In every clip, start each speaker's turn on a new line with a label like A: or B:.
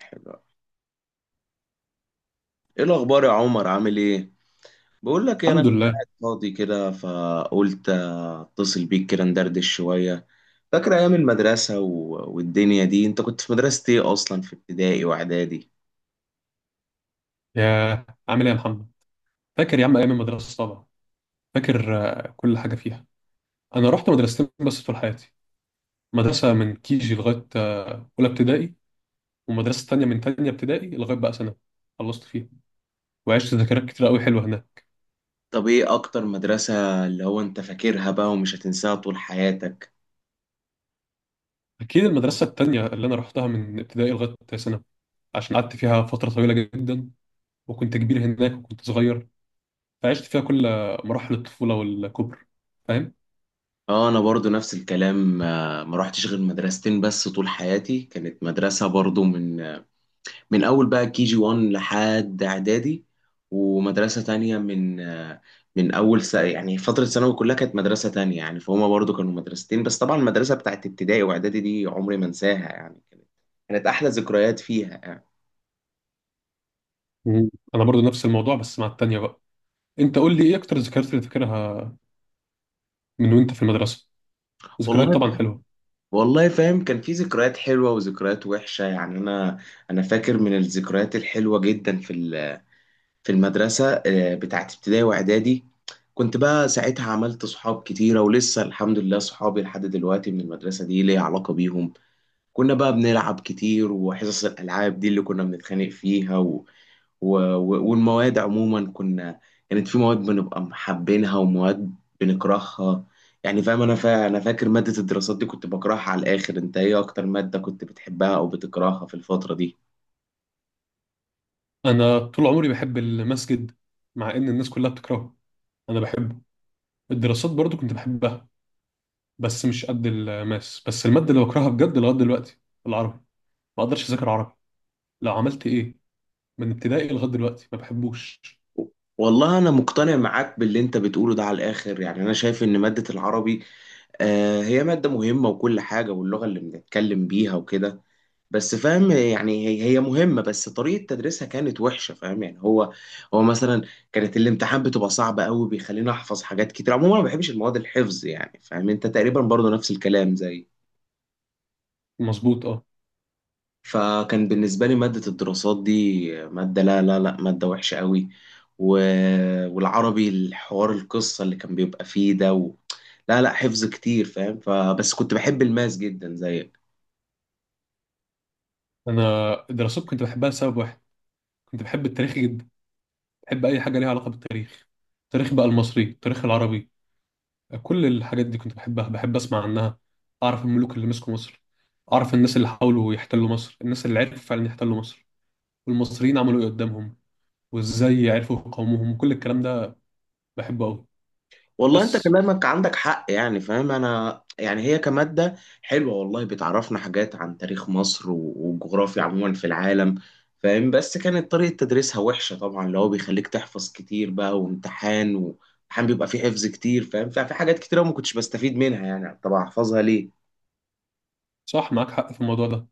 A: حلو أوي. ايه الاخبار يا عمر؟ عامل ايه؟ بقول لك إيه، انا
B: الحمد
A: كنت
B: لله.
A: قاعد فاضي كده فقلت اتصل بيك كده ندردش شويه. فاكر ايام المدرسه و... والدنيا دي؟ انت كنت في مدرسه ايه اصلا في ابتدائي واعدادي؟
B: يا عامل ايه يا محمد؟ فاكر يا عم ايام المدرسه طبعا. فاكر. آه، كل حاجه فيها. انا رحت مدرستين بس طول حياتي. مدرسه من كيجي لغايه اولى ابتدائي. ومدرسه تانية من تانية ابتدائي لغايه بقى سنه خلصت فيها. وعشت ذكريات كتير قوي حلوه هناك.
A: طب ايه اكتر مدرسه اللي هو انت فاكرها بقى ومش هتنساها طول حياتك؟
B: اكيد المدرسه التانية اللي انا رحتها من ابتدائي لغايه سنه. عشان قعدت فيها فتره طويله جدا. وكنت كبير هناك وكنت صغير. فعشت فيها كل مراحل الطفوله والكبر. فاهم.
A: اه، انا برضو نفس الكلام. ما روحتش غير مدرستين بس طول حياتي. كانت مدرسه برضو من اول بقى كي جي 1 لحد اعدادي، ومدرسه تانية من من اول يعني فتره ثانوي كلها كانت مدرسه تانية، يعني فهما برضو كانوا مدرستين بس. طبعا المدرسه بتاعت ابتدائي واعدادي دي عمري ما انساها، يعني كانت احلى ذكريات فيها يعني.
B: مم. انا برضو نفس الموضوع بس مع التانية بقى. انت قول لي ايه اكتر الذكريات اللي فاكرها من وانت في المدرسة؟ ذكريات
A: والله
B: طبعا حلوة.
A: والله فاهم، كان في ذكريات حلوه وذكريات وحشه يعني. انا فاكر من الذكريات الحلوه جدا في في المدرسة بتاعت ابتدائي وإعدادي. كنت بقى ساعتها عملت صحاب كتيرة، ولسه الحمد لله صحابي لحد دلوقتي من المدرسة دي ليا علاقة بيهم. كنا بقى بنلعب كتير، وحصص الألعاب دي اللي كنا بنتخانق فيها والمواد عموما كانت في مواد بنبقى محبينها، ومواد بنكرهها يعني. فاهم؟ أنا فاكر مادة الدراسات دي كنت بكرهها على الآخر. أنت إيه أكتر مادة كنت بتحبها أو بتكرهها في الفترة دي؟
B: أنا طول عمري بحب المسجد مع إن الناس كلها بتكرهه. أنا بحبه. الدراسات برضو كنت بحبها بس مش قد الماس. بس المادة اللي بكرهها بجد لغاية دلوقتي العربي. ما أقدرش أذاكر عربي لو عملت إيه. من ابتدائي لغاية دلوقتي ما بحبوش.
A: والله أنا مقتنع معاك باللي أنت بتقوله ده على الآخر، يعني أنا شايف إن مادة العربي، آه، هي مادة مهمة وكل حاجة، واللغة اللي بنتكلم بيها وكده. بس فاهم يعني، هي مهمة بس طريقة تدريسها كانت وحشة. فاهم يعني، هو مثلا كانت الامتحان بتبقى صعبة قوي، بيخليني أحفظ حاجات كتير. عموما أنا ما بحبش المواد الحفظ يعني، فاهم؟ أنت تقريبا برضو نفس الكلام زي.
B: مظبوط أه.
A: فكان بالنسبة لي مادة الدراسات دي مادة، لا، مادة وحشة قوي. و... والعربي الحوار، القصة اللي كان بيبقى فيه ده و... لا، لا حفظ كتير فاهم. فبس كنت بحب الماس جدا زيك.
B: أنا الدراسات كنت بحبها لسبب واحد. كنت بحب التاريخ جدا. بحب أي حاجة ليها علاقة بالتاريخ. التاريخ بقى المصري التاريخ العربي، كل الحاجات دي كنت بحبها. بحب اسمع عنها. اعرف الملوك اللي مسكوا مصر. اعرف الناس اللي حاولوا يحتلوا مصر، الناس اللي عرفوا فعلا يحتلوا مصر والمصريين عملوا ايه قدامهم. وازاي عرفوا يقاوموهم، كل الكلام ده بحبه قوي.
A: والله انت
B: بس
A: كلامك عندك حق يعني. فاهم انا يعني هي كمادة حلوة والله، بتعرفنا حاجات عن تاريخ مصر والجغرافيا عموما في العالم. فاهم؟ بس كانت طريقة تدريسها وحشة طبعا، اللي هو بيخليك تحفظ كتير بقى، وامتحان بيبقى فيه حفظ كتير. فاهم؟ ففي حاجات كتير أوي ما كنتش بستفيد منها يعني، طب احفظها ليه؟
B: صح معاك حق في الموضوع ده.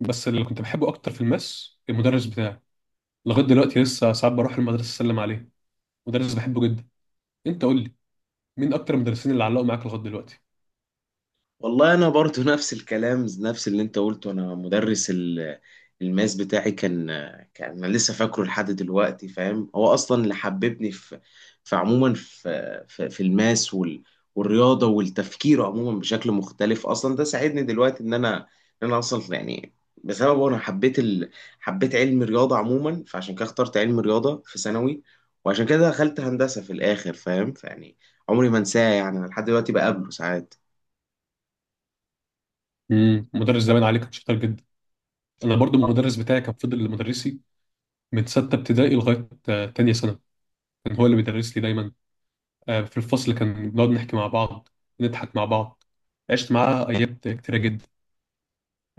B: بس اللي كنت بحبه اكتر في الماس المدرس بتاعي. لغايه دلوقتي لسه ساعات بروح المدرسه اسلم عليه. مدرس بحبه جدا. انت قول لي مين اكتر المدرسين اللي علقوا معاك لغايه دلوقتي؟
A: والله انا برضو نفس الكلام، نفس اللي انت قلته. انا مدرس الماس بتاعي كان، انا لسه فاكره لحد دلوقتي. فاهم، هو اصلا اللي حببني في عموما في في الماس والرياضه والتفكير عموما بشكل مختلف. اصلا ده ساعدني دلوقتي ان انا اصلا يعني بسببه انا حبيت حبيت علم الرياضه عموما. فعشان كده اخترت علم الرياضه في ثانوي، وعشان كده دخلت هندسه في الاخر. فاهم؟ فيعني عمري ما انساه يعني، أنا لحد دلوقتي بقابله ساعات.
B: مدرس زمان عليه كان شاطر جدا. انا برضو المدرس بتاعي كان فضل مدرسي من سته ابتدائي لغايه تانية ثانوي. كان هو اللي بيدرس لي دايما. في الفصل كان بنقعد نحكي مع بعض. نضحك مع بعض. عشت معاه ايام كتيره جدا.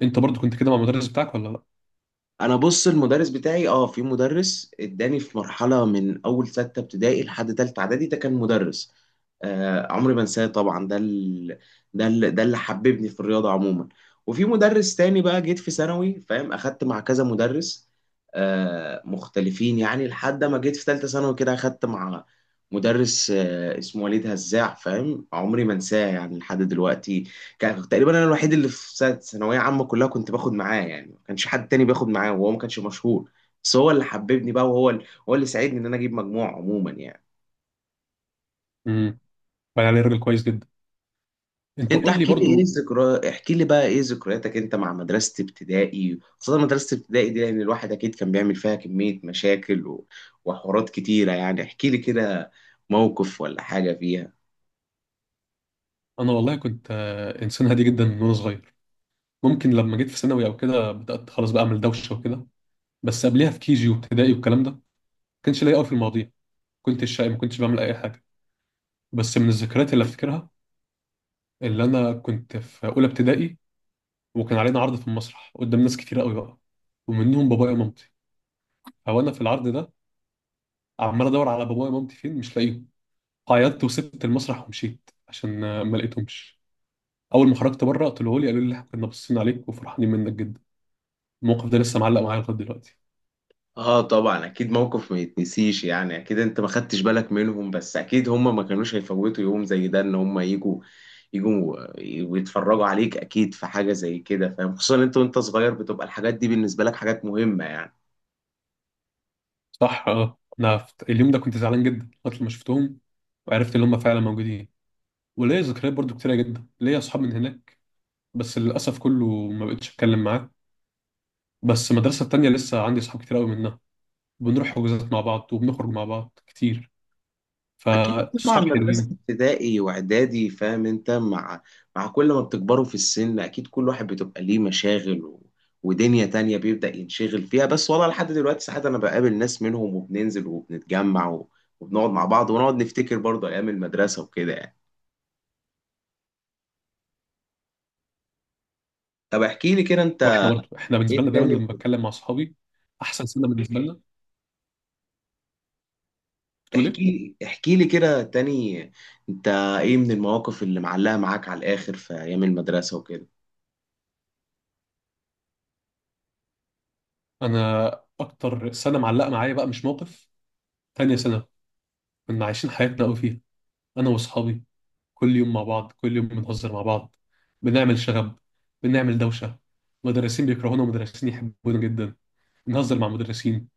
B: انت برضو كنت كده مع المدرس بتاعك ولا لا؟
A: انا بص، المدرس بتاعي، اه، في مدرس اداني في مرحله من اول سته ابتدائي لحد تالته اعدادي، ده كان مدرس، آه، عمري ما انساه طبعا. ده اللي حببني في الرياضه عموما. وفي مدرس تاني بقى جيت في ثانوي فاهم، اخدت مع كذا مدرس آه مختلفين يعني. لحد ما جيت في ثالثه ثانوي كده اخدت مع مدرس، آه، اسمه وليد هزاع. فاهم، عمري ما انساه يعني لحد دلوقتي. كان تقريبا انا الوحيد اللي في ثانويه عامه كلها كنت باخد معاه يعني، ما كانش حد تاني بياخد معاه، وهو ما كانش مشهور. بس هو اللي حببني بقى، وهو هو اللي ساعدني ان انا اجيب مجموع عموما يعني.
B: امم بقى عليه راجل كويس جدا. انت
A: انت
B: قول لي
A: احكي لي، ايه
B: برضو.
A: ذكرى؟ احكي لي بقى ايه ذكرياتك انت مع مدرسه ابتدائي؟ خاصه مدرسه ابتدائي دي، لان الواحد اكيد كان بيعمل فيها كميه مشاكل و... وحوارات كتيره يعني. احكي لي كده موقف ولا حاجه فيها.
B: انا والله كنت انسان هادي جدا من وانا صغير. ممكن لما جيت في ثانوي او كده بدات خلاص بقى اعمل دوشه وكده. بس قبلها في كيجي وابتدائي والكلام ده ما كانش ليا قوي في المواضيع. كنت شقي ما كنتش بعمل اي حاجه. بس من الذكريات اللي افتكرها، اللي انا كنت في اولى ابتدائي وكان علينا عرض في المسرح قدام ناس كتير قوي بقى، ومنهم بابايا ومامتي. هو انا في العرض ده عمال ادور على بابايا ومامتي فين مش لاقيهم. عيطت وسبت المسرح ومشيت عشان ما لقيتهمش. اول ما خرجت بره طلعوا لي قالوا لي احنا كنا باصين عليك وفرحانين منك جدا. الموقف ده لسه معلق معايا لغايه دلوقتي.
A: اه طبعا، اكيد موقف ما يتنسيش يعني. اكيد انت ما خدتش بالك منهم، بس اكيد هم ما كانوش هيفوتوا يوم زي ده ان هم يجوا ويتفرجوا عليك. اكيد في حاجة زي كده. فاهم؟ خصوصا انت وانت صغير بتبقى الحاجات دي بالنسبة لك حاجات مهمة يعني.
B: صح اه. انا اليوم ده كنت زعلان جدا لغايه لما شفتهم وعرفت ان هم فعلا موجودين. وليا ذكريات برضو كتيره جدا، ليا اصحاب من هناك بس للاسف كله ما بقتش اتكلم معاه. بس المدرسه التانيه لسه عندي اصحاب كتير قوي منها. بنروح حجوزات مع بعض وبنخرج مع بعض كتير.
A: اكيد طبعا
B: فاصحاب
A: مدرسه
B: حلوين.
A: ابتدائي واعدادي، فاهم؟ انت مع كل ما بتكبروا في السن اكيد كل واحد بتبقى ليه مشاغل و... ودنيا تانية بيبدأ ينشغل فيها. بس والله لحد دلوقتي ساعات انا بقابل ناس منهم وبننزل وبنتجمع و... وبنقعد مع بعض، ونقعد نفتكر برضه ايام المدرسه وكده يعني. طب احكي لي كده انت
B: واحنا برضه احنا بالنسبه
A: ايه
B: لنا دايما
A: تاني؟
B: لما بتكلم مع اصحابي احسن سنه بالنسبه لنا. بتقول ايه؟
A: احكي، احكي لي كده تاني انت، ايه من المواقف اللي معلقه معاك على الاخر في ايام المدرسه وكده؟
B: انا اكتر سنه معلقه معايا بقى مش موقف. تانية سنه كنا عايشين حياتنا قوي فيها. انا واصحابي كل يوم مع بعض، كل يوم بنهزر مع بعض. بنعمل شغب. بنعمل دوشه. مدرسين بيكرهونا ومدرسين يحبونا جدا. بنهزر مع مدرسين.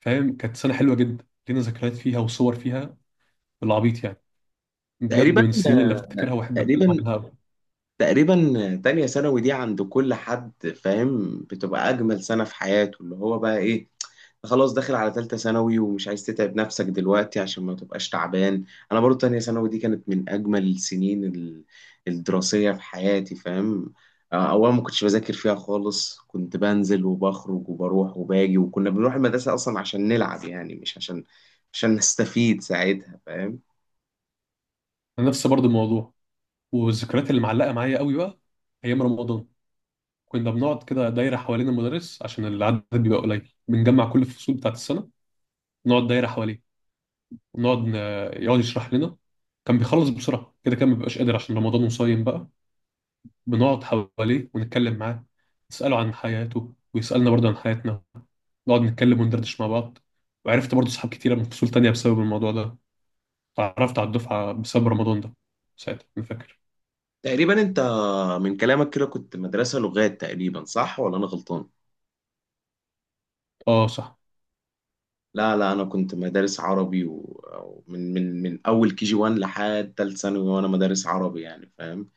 B: فاهم كانت سنه حلوه جدا لينا ذكريات فيها وصور فيها بالعبيط يعني. بجد
A: تقريبا
B: من السنين اللي افتكرها واحب اتكلم
A: تقريبا
B: عنها قوي.
A: تقريبا تانية ثانوي دي عند كل حد، فاهم، بتبقى أجمل سنة في حياته، اللي هو بقى إيه، خلاص داخل على تالتة ثانوي ومش عايز تتعب نفسك دلوقتي عشان ما تبقاش تعبان. أنا برضو تانية ثانوي دي كانت من أجمل السنين الدراسية في حياتي. فاهم، أولا ما كنتش بذاكر فيها خالص، كنت بنزل وبخرج وبروح وباجي، وكنا بنروح المدرسة أصلا عشان نلعب يعني، مش عشان نستفيد ساعتها. فاهم؟
B: انا نفس برضه الموضوع. والذكريات اللي معلقه معايا قوي بقى ايام رمضان. كنا بنقعد كده دايرة حوالين المدرس عشان العدد بيبقى قليل، بنجمع كل الفصول بتاعت السنة نقعد دايرة حواليه. ونقعد ن- يقعد يشرح لنا. كان بيخلص بسرعة كده، كان مبيبقاش قادر عشان رمضان وصايم بقى. بنقعد حواليه ونتكلم معاه. نسأله عن حياته ويسألنا برضه عن حياتنا. نقعد نتكلم وندردش مع بعض. وعرفت برضه صحاب كتيرة من فصول تانية بسبب الموضوع ده. اتعرفت على الدفعة بسبب رمضان ده ساعتها أنا فاكر.
A: تقريبا انت من كلامك كده كنت مدرسة لغات تقريبا، صح ولا انا غلطان؟
B: اه صح.
A: لا لا، انا كنت مدارس عربي، ومن من من اول كي جي 1 لحد تالت ثانوي وانا مدارس عربي يعني. فاهم؟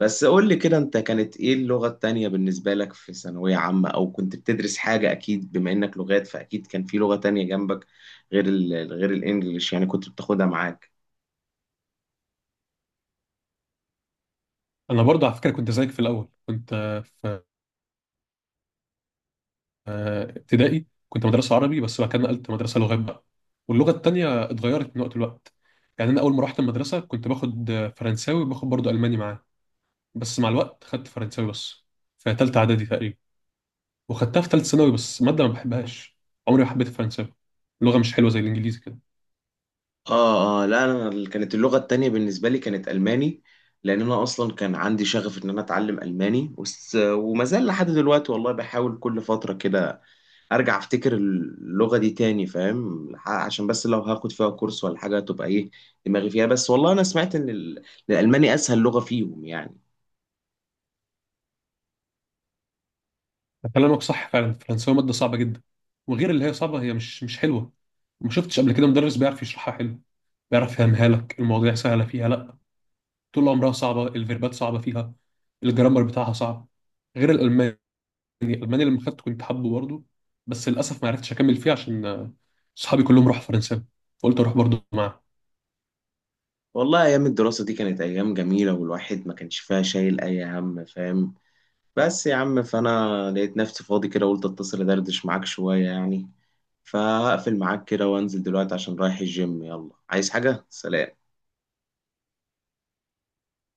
A: بس قول لي كده انت، كانت ايه اللغة التانية بالنسبة لك في ثانوية عامة؟ او كنت بتدرس حاجة اكيد بما انك لغات، فاكيد كان في لغة تانية جنبك غير غير الانجليش يعني، كنت بتاخدها معاك.
B: أنا برضه على فكرة كنت زيك في الأول كنت ابتدائي كنت مدرسة عربي. بس بعد كده نقلت مدرسة لغات بقى. واللغة التانية اتغيرت من وقت لوقت. يعني أنا أول ما رحت المدرسة كنت باخد فرنساوي وباخد برضه ألماني معاه. بس مع الوقت خدت فرنساوي بس، في تالتة إعدادي تقريبا. وخدتها في تالتة ثانوي بس مادة ما بحبهاش. عمري ما حبيت الفرنساوي. اللغة مش حلوة زي الإنجليزي كده.
A: اه اه، لا انا كانت اللغه التانية بالنسبه لي كانت الماني، لان انا اصلا كان عندي شغف ان انا اتعلم الماني، وما زال لحد دلوقتي والله، بحاول كل فتره كده ارجع افتكر اللغه دي تاني. فاهم، عشان بس لو هاخد فيها كورس ولا حاجه تبقى ايه دماغي فيها. بس والله انا سمعت ان الالماني اسهل لغه فيهم يعني.
B: كلامك صح فعلا، الفرنساوي مادة صعبة جدا. وغير اللي هي صعبة هي مش حلوة. ما شفتش قبل كده مدرس بيعرف يشرحها حلو، بيعرف يفهمها لك المواضيع سهلة فيها لا. طول عمرها صعبه، الفيربات صعبه فيها، الجرامر بتاعها صعب. غير الالماني. الالماني لما خدته كنت حابه برضه. بس للاسف ما عرفتش اكمل فيه عشان صحابي كلهم راحوا فرنسا فقلت اروح برضه معاهم.
A: والله ايام الدراسه دي كانت ايام جميله، والواحد ما كانش فيها شايل اي هم. فاهم؟ بس يا عم، فانا لقيت نفسي فاضي كده قلت اتصل ادردش معاك شوية يعني، فهقفل معاك كده وانزل دلوقتي عشان رايح الجيم. يلا، عايز حاجة؟ سلام.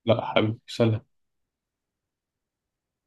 B: لا حبيبي سلام.